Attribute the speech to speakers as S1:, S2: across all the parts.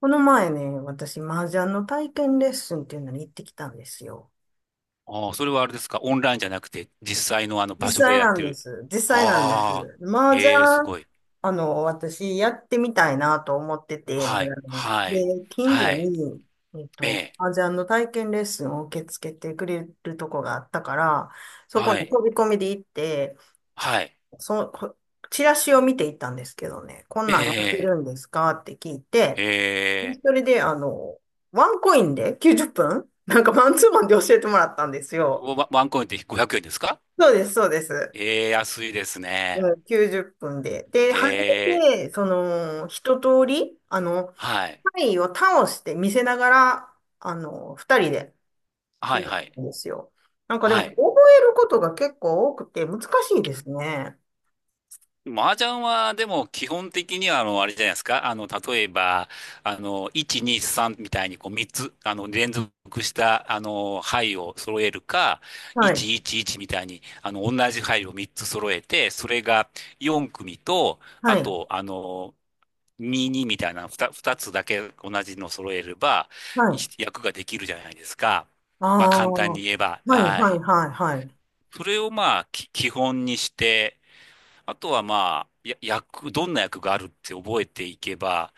S1: この前ね、私、麻雀の体験レッスンっていうのに行ってきたんですよ。
S2: ああ、それはあれですか。オンラインじゃなくて、実際のあの
S1: 実
S2: 場所で
S1: 際
S2: やっ
S1: な
S2: て
S1: んで
S2: る。
S1: す。実際なんで
S2: ああ、
S1: す。麻雀、
S2: ええ、すごい。
S1: 私、やってみたいなと思ってて、長
S2: はい、
S1: 年
S2: はい、
S1: で、近所
S2: はい、
S1: に、
S2: ええ、
S1: 麻雀の体験レッスンを受け付けてくれるとこがあったから、そこに
S2: はい、
S1: 飛び込みで行って、
S2: はい、
S1: その、こチラシを見て行ったんですけどね、こん
S2: え
S1: なんやってる
S2: え、
S1: んですかって聞い
S2: え
S1: て、
S2: え、
S1: それで、ワンコインで90分 なんかマンツーマンで教えてもらったんですよ。
S2: ワンコインって500円ですか？
S1: そうです、そうです。
S2: ええ、安いですね。
S1: うん、90分で。で、
S2: え
S1: 初
S2: え、
S1: めて、一通り、
S2: はい、
S1: タイを倒して見せながら、二人で
S2: は
S1: や
S2: い、
S1: る
S2: はい、
S1: んですよ。なんかで
S2: は
S1: も、覚
S2: い。
S1: えることが結構多くて難しいですね。
S2: 麻雀は、でも、基本的には、あれじゃないですか。例えば、1、2、3みたいに、こう、3つ、連続した、牌を揃えるか、
S1: はい、
S2: 1、1、1みたいに、同じ牌を3つ揃えて、それが4組と、あ
S1: はい、
S2: と、2、2みたいな2、二つだけ同じの揃えれば、
S1: は
S2: い
S1: い。
S2: 役ができるじゃないですか。
S1: あ
S2: まあ、
S1: あ、
S2: 簡単
S1: は
S2: に
S1: い、
S2: 言えば、
S1: はい、
S2: は
S1: は
S2: い。
S1: い、はい。
S2: それを、まあ、基本にして、あとはまあ、どんな役があるって覚えていけば、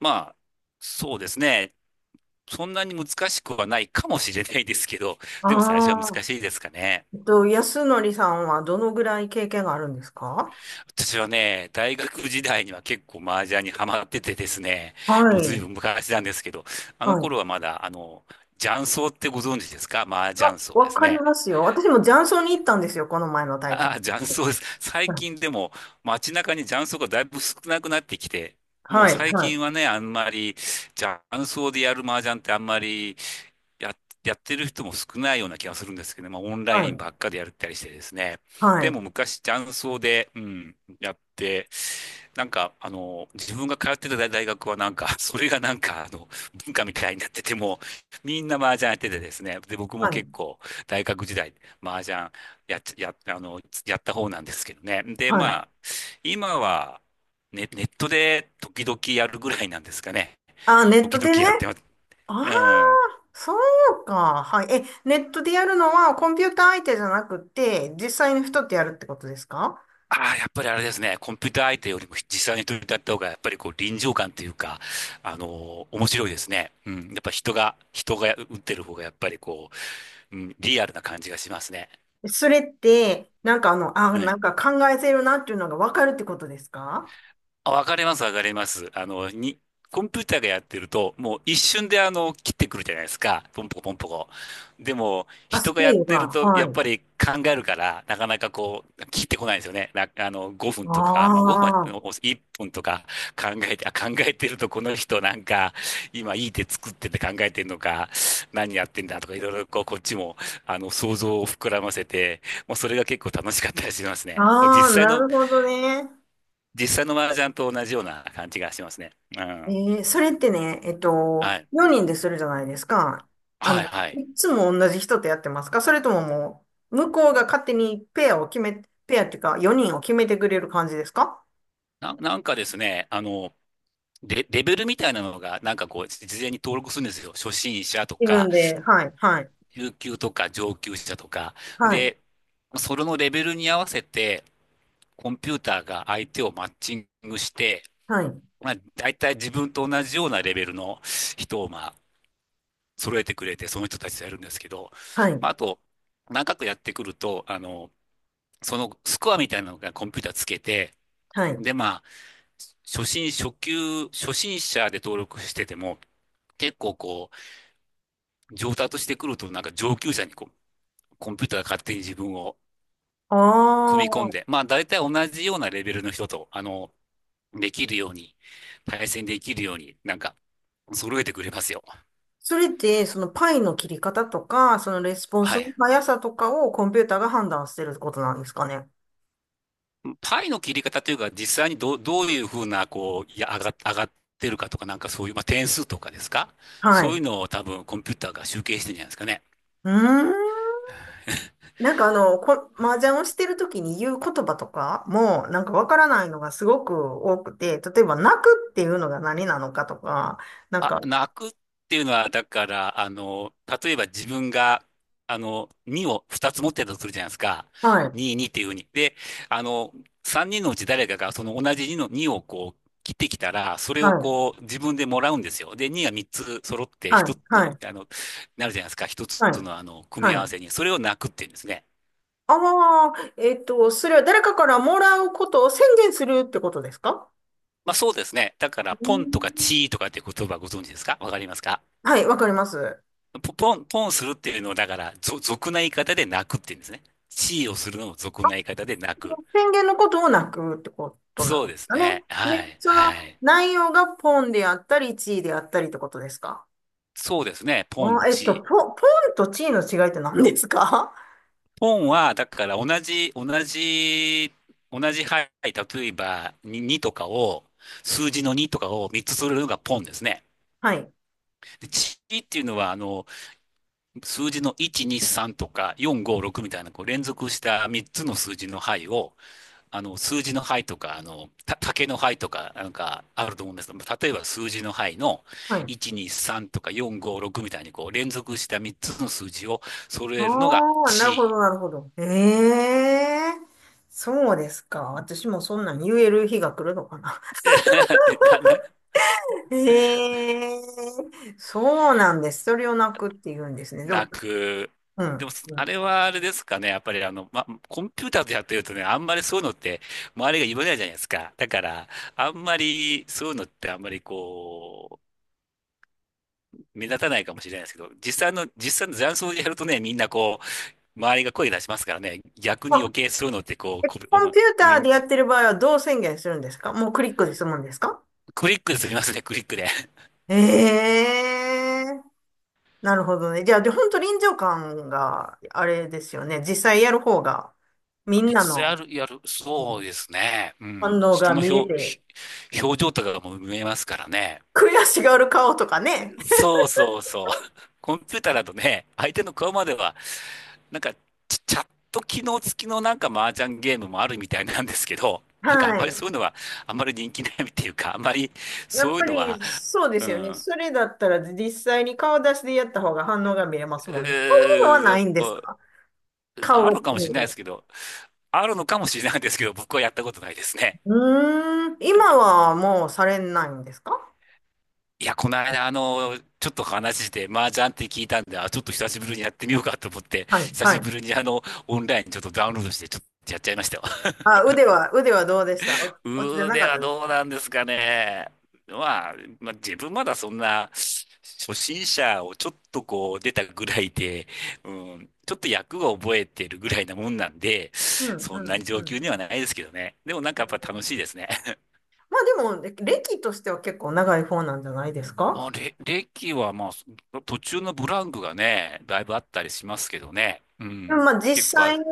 S2: まあ、そうですね。そんなに難しくはないかもしれないですけど、でも最初は
S1: あ
S2: 難
S1: あ、
S2: しいですかね。
S1: 安則さんはどのぐらい経験があるんですか？
S2: 私はね、大学時代には結構麻雀にハマっててですね、
S1: は
S2: もうずい
S1: い。
S2: ぶん昔なんですけど、あの
S1: はい。
S2: 頃はまだ、雀荘ってご存知ですか？麻
S1: あ、
S2: 雀荘で
S1: わ
S2: す
S1: かり
S2: ね。
S1: ますよ。私も雀荘に行ったんですよ、この前の体
S2: ああ、
S1: 験。
S2: 雀荘です。
S1: う
S2: 最
S1: ん。
S2: 近でも街中に雀荘がだいぶ少なくなってきて、もう
S1: はい、
S2: 最
S1: は
S2: 近
S1: い、
S2: はね、あんまり雀荘でやる麻雀ってあんまりや、やってる人も少ないような気がするんですけどね、まあオンラ
S1: は
S2: イン
S1: い、
S2: ばっかでやったりしてですね。
S1: は
S2: で
S1: い、
S2: も昔雀荘で、やって、なんか自分が通ってた大学はなんか、それがなんか文化みたいになってても、みんな麻雀やっててですね。で、僕
S1: は
S2: も
S1: い、
S2: 結構大学時代、麻雀やっち、や、あの、やった方なんですけどね。で、
S1: はい。
S2: まあ、今は、ね、ネットで時々やるぐらいなんですかね。
S1: あ、ネッ
S2: 時
S1: ト
S2: 々
S1: でね。
S2: やってます。
S1: ああ、
S2: うん。
S1: そうか。はい。え、ネットでやるのはコンピューター相手じゃなくて、実際の人ってやるってことですか？
S2: ああ、やっぱりあれですね。コンピューター相手よりも実際に取り立った方が、やっぱりこう臨場感というか、面白いですね。うん。やっぱ人が打ってる方が、やっぱりこう、リアルな感じがしますね。
S1: それって、
S2: う
S1: な
S2: ん。
S1: んか考えてるなっていうのがわかるってことですか？
S2: あ、わかります、わかります。コンピューターがやってると、もう一瞬で切ってくるじゃないですか。ポンポコポンポコ。でも、
S1: あ、ス
S2: 人がや
S1: ピ
S2: っ
S1: ード
S2: てる
S1: が。
S2: と、やっ
S1: はい。
S2: ぱり考えるから、なかなかこう、切ってこないんですよね。な、あの、5分
S1: あ
S2: とか、まあ5分は、
S1: あ。
S2: 1分とか考えて、あ、考えてると、この人なんか、今いい手作ってて考えてるのか、何やってんだとか、いろいろこう、こっちも、想像を膨らませて、もうそれが結構楽しかったりしますね。
S1: あ
S2: 実
S1: あ、
S2: 際
S1: な
S2: の
S1: るほどね。
S2: 実際の麻雀と同じような感じがしますね。う
S1: え
S2: ん。
S1: ー、それってね、
S2: はい。
S1: 4人でするじゃないですか。あの、
S2: はい、はい。
S1: いつも同じ人とやってますか？それとも向こうが勝手にペアを決め、ペアっていうか、4人を決めてくれる感じですか？
S2: なんかですね、レベルみたいなのが、なんかこう、事前に登録するんですよ。初心者と
S1: 自
S2: か、
S1: 分で、はい、はい、
S2: 中級とか、上級者とか。
S1: はい、
S2: で、それのレベルに合わせて、コンピューターが相手をマッチングして、
S1: はい、
S2: まあ、大体自分と同じようなレベルの人を、まあ、揃えてくれて、その人たちとやるんですけど、
S1: はい、
S2: まあ、あと、長くやってくると、そのスコアみたいなのがコンピューターつけて、
S1: はい。
S2: で、まあ、初心者で登録してても、結構こう、上達してくると、なんか上級者にこう、コンピューターが勝手に自分を
S1: あ
S2: 組み込ん
S1: あ、
S2: で、まあ、大体同じようなレベルの人と、できるように、対戦できるように、なんか、揃えてくれますよ。
S1: それって、そのパイの切り方とか、そのレスポン
S2: は
S1: スの
S2: い。
S1: 速さとかをコンピューターが判断してることなんですかね。
S2: パイの切り方というか、実際にどういうふうな、こう、いや、上がってるかとか、なんかそういう、まあ、点数とかですか？
S1: はい。
S2: そうい
S1: う
S2: うのを多分コンピューターが集計してるんじゃないですかね。
S1: ーん。麻雀をしてるときに言う言葉とかも、なんかわからないのがすごく多くて、例えば泣くっていうのが何なのかとか、なん
S2: あ、
S1: か、
S2: 泣くっていうのは、だから、例えば自分が、2を2つ持ってたとするじゃないですか。
S1: はい、
S2: 2、2っていうふうに。で、あの、3人のうち誰かがその同じ2をこう、切ってきたら、それ
S1: は
S2: を
S1: い、
S2: こう、自分でもらうんですよ。で、2が3つ揃って
S1: はい、
S2: 1つ
S1: は
S2: の、
S1: い、
S2: なるじゃないですか。1つ
S1: はい、
S2: のあの、組み合わ
S1: はい。
S2: せに。それを泣くっていうんですね。
S1: ああ、それは誰かからもらうことを宣言するってことですか？
S2: まあそうですね。だから、
S1: う
S2: ポンとか
S1: ん。
S2: チーとかって言葉ご存知ですか？わかりますか？
S1: はい、わかります。
S2: ポンするっていうのを、だから、俗な言い方で泣くって言うんですね。地位をするのを俗な言い方で泣く。
S1: 宣言のことを泣くってことな
S2: そ
S1: ん
S2: う
S1: で
S2: で
S1: す
S2: す
S1: かね。
S2: ね。
S1: で、
S2: はい、
S1: その
S2: はい。
S1: 内容がポンであったり、地位であったりってことですか？
S2: そうですね。ポン、
S1: あー、
S2: 地位。
S1: ポンとチーの違いって何何ですか？
S2: ポンは、だから同じ牌、例えば2、にとかを、数字の2とかを3つするのがポンですね。
S1: はい。
S2: で、地位っていうのは、数字の1、2、3とか4、5、6みたいな、こう連続した3つの数字の牌を、数字の牌とか、竹の牌とか、なんかあると思うんですけど、例えば数字の牌の
S1: はい。
S2: 1、2、3とか4、5、6みたいにこう連続した3つの数字を揃
S1: あ
S2: えるのが
S1: あ、なるほど、
S2: 地位。
S1: なるほど。ええー、そうですか。私もそんなん言える日が来るのかな。
S2: だね。
S1: ええー、そうなんです。それをなくって言うんですね。で
S2: な
S1: も、
S2: く。
S1: う
S2: でも、
S1: ん。う
S2: あ
S1: ん。
S2: れはあれですかね。やっぱりコンピューターでやってるとね、あんまりそういうのって周りが言わないじゃないですか。だから、あんまりそういうのってあんまりこう、目立たないかもしれないですけど、実際の雀荘でやるとね、みんなこう、周りが声出しますからね、逆に
S1: あ、
S2: 余計そういうのってこう、
S1: え、
S2: こ、お
S1: コン
S2: ま
S1: ピューター
S2: 認
S1: でや
S2: 知、
S1: ってる場合はどう宣言するんですか？もうクリックでするんですか？
S2: クリックで済みますね、クリックで。
S1: ええ、なるほどね。じゃあ、で、本当臨場感があれですよね。実際やる方が、み ん
S2: い
S1: な
S2: つつや
S1: の、
S2: る、やる、
S1: う
S2: そう
S1: ん、
S2: ですね。う
S1: 反
S2: ん。
S1: 応
S2: 人
S1: が
S2: の
S1: 見れ
S2: 表、
S1: て、
S2: ひ表情とかがもう見えますからね。
S1: 悔しがる顔とかね。
S2: そうそうそう。コンピューターだとね、相手の顔までは、なんか、チャット機能付きのなんか麻雀ゲームもあるみたいなんですけど、なんかあ
S1: は
S2: んまり
S1: い。
S2: そういうのは、あんまり人気ないっていうか、あんまり
S1: や
S2: そ
S1: っ
S2: うい
S1: ぱ
S2: うの
S1: り
S2: は、
S1: そうで
S2: う
S1: すよ
S2: ん。
S1: ね。
S2: う
S1: それだったら実際に顔出しでやった方が反応が見れますもんね。そういうの
S2: ー
S1: は
S2: ん、
S1: ないんです
S2: う
S1: か？顔
S2: あ
S1: が
S2: るかも
S1: 見
S2: し
S1: え
S2: れないで
S1: て。
S2: すけど、あるのかもしれないですけど、僕はやったことないですね。
S1: うーん。今はもうされないんですか？
S2: いや、この間、ちょっと話して、麻雀って聞いたんで、あ、ちょっと久しぶりにやってみようかと思って、
S1: はい、
S2: 久
S1: は
S2: しぶ
S1: い。
S2: りにオンラインちょっとダウンロードして、ちょっとやっちゃいましたよ。
S1: あ、腕はどうでした？お 落ちてな
S2: 腕
S1: かっ
S2: は
S1: たです
S2: どう
S1: か？
S2: なんですかね。まあ、まあ、自分まだそんな、初心者をちょっとこう出たぐらいで、うん、ちょっと役を覚えてるぐらいなもんなんで、
S1: うん、う
S2: そんなに
S1: ん、
S2: 上
S1: う
S2: 級
S1: ん。
S2: にはないですけどね。でもなんかやっぱ楽しいですね。
S1: まあでも、歴としては結構長い方なんじゃないですか？
S2: 歴はまあ、途中のブランクがね、だいぶあったりしますけどね。う
S1: でも
S2: ん。
S1: まあ実
S2: 結構
S1: 際
S2: か
S1: に、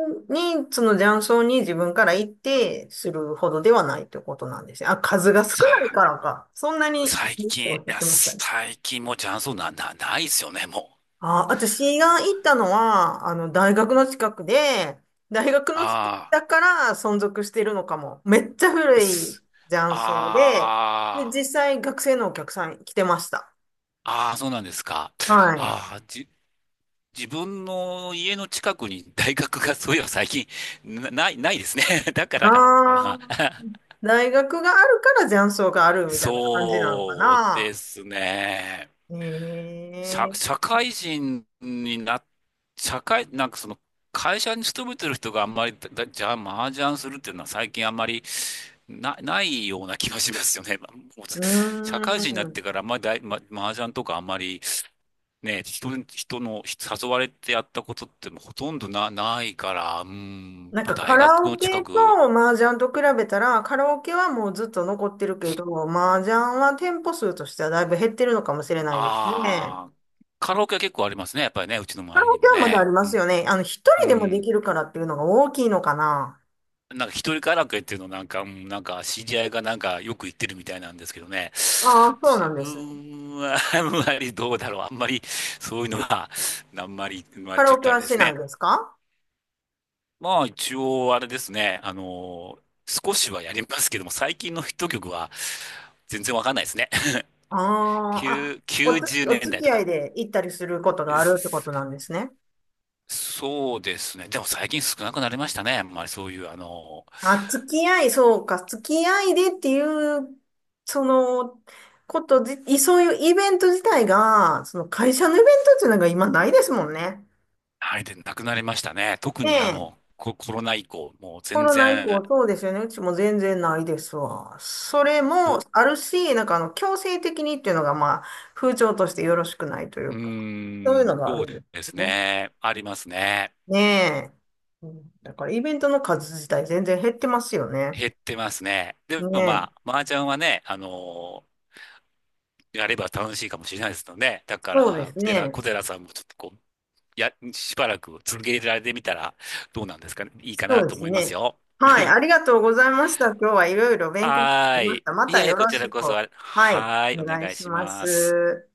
S1: その雀荘に自分から行ってするほどではないということなんですよ。あ、数が少ない
S2: さ、
S1: からか。そんなに、っ
S2: 最
S1: て
S2: 近、
S1: お
S2: い
S1: っしゃっ
S2: や、
S1: てましたね。
S2: 最近もうチャンスないですよね、もう。
S1: あ、私が行ったのは、あの、大学の近くで、大学の近く
S2: あ
S1: だから存続してるのかも。めっちゃ
S2: あ、
S1: 古い
S2: す
S1: 雀荘で、で、実
S2: あ
S1: 際学生のお客さん来てました。
S2: あ、ああ、そうなんですか。
S1: はい。
S2: ああ、自分の家の近くに大学がそういえば最近、ないですね。だか
S1: あ
S2: らかなのかな。
S1: あ、大学があるから雀荘があるみたいな感じなのか
S2: そう
S1: な。
S2: ですね。
S1: え
S2: 社、
S1: え、
S2: 社会人にな、社会、なんかその、会社に勤めてる人があんまりじゃあ、麻雀するっていうのは最近あんまりないような気がしますよね。まあもうず
S1: う
S2: 社会人にな
S1: ー
S2: って
S1: ん。
S2: からあんまりだい、ま、麻雀とかあんまりね、人の誘われてやったことってもうほとんどないから、うん、
S1: なん
S2: まあ
S1: かカ
S2: 大学
S1: ラ
S2: の
S1: オ
S2: 近
S1: ケと
S2: く、
S1: 麻雀と比べたら、カラオケはもうずっと残ってるけど、麻雀は店舗数としてはだいぶ減ってるのかもしれないですね。
S2: ああ、カラオケは結構ありますね。やっぱりね、うちの
S1: カ
S2: 周
S1: ラ
S2: りに
S1: オケ
S2: も
S1: はまだあり
S2: ね。
S1: ま
S2: う
S1: すよ
S2: ん。
S1: ね。あの、一
S2: う
S1: 人でもで
S2: ん。
S1: きるからっていうのが大きいのかな。
S2: なんか一人カラオケっていうのなんか、なんか知り合いがなんかよく言ってるみたいなんですけどね。
S1: ああ、そうな
S2: 自
S1: んです。
S2: 分は あんまりどうだろう。あんまりそういうのは、あんまり、あんま
S1: カ
S2: り
S1: ラ
S2: ちょっ
S1: オケ
S2: とあれ
S1: は
S2: で
S1: し
S2: す
S1: ない
S2: ね。
S1: ですか？
S2: まあ一応あれですね。少しはやりますけども、最近のヒット曲は全然わかんないですね。
S1: ああ、
S2: 9、
S1: おつ、
S2: 90
S1: お
S2: 年
S1: 付
S2: 代
S1: き
S2: と
S1: 合
S2: か。
S1: いで行ったりすることがあるってこ
S2: す
S1: となんですね。
S2: そうですね。でも最近少なくなりましたね。あんまりそういう、
S1: あ、付き合い、そうか、付き合いでっていう、その、ことじ、いそういうイベント自体が、その会社のイベントっていうのが今ないですもんね。
S2: はい、で、なくなりましたね。特
S1: ね
S2: に
S1: え、
S2: コロナ以降、もう
S1: コ
S2: 全
S1: ロナ以
S2: 然、
S1: 降そうですよね。うちも全然ないですわ。それも
S2: ぼ、
S1: あるし、強制的にっていうのが、まあ、風潮としてよろしくないとい
S2: う
S1: うか、そういう
S2: ー
S1: の
S2: ん、
S1: があ
S2: そう
S1: るんです
S2: です
S1: ね。
S2: ね。ありますね。
S1: ねえ。うん、だからイベントの数自体全然減ってますよね。
S2: 減ってますね。
S1: ね
S2: でもま
S1: え。
S2: あ、麻雀はね、やれば楽しいかもしれないですので、だか
S1: そうで
S2: ら、
S1: す
S2: 小寺、
S1: ね。
S2: 小寺さんもちょっとこう、しばらく続けられてみたらどうなんですかね。いいか
S1: そう
S2: な
S1: で
S2: と
S1: す
S2: 思います
S1: ね。
S2: よ。
S1: はい。ありがとうございました。今日はいろいろ勉強に
S2: は
S1: なり
S2: ー
S1: まし
S2: い。
S1: た。ま
S2: い
S1: た
S2: えい
S1: よ
S2: え、こ
S1: ろ
S2: ち
S1: し
S2: ら
S1: く。
S2: こそ、あ
S1: はい。
S2: はー
S1: お
S2: い、お
S1: 願い
S2: 願い
S1: し
S2: し
S1: ま
S2: ます。
S1: す。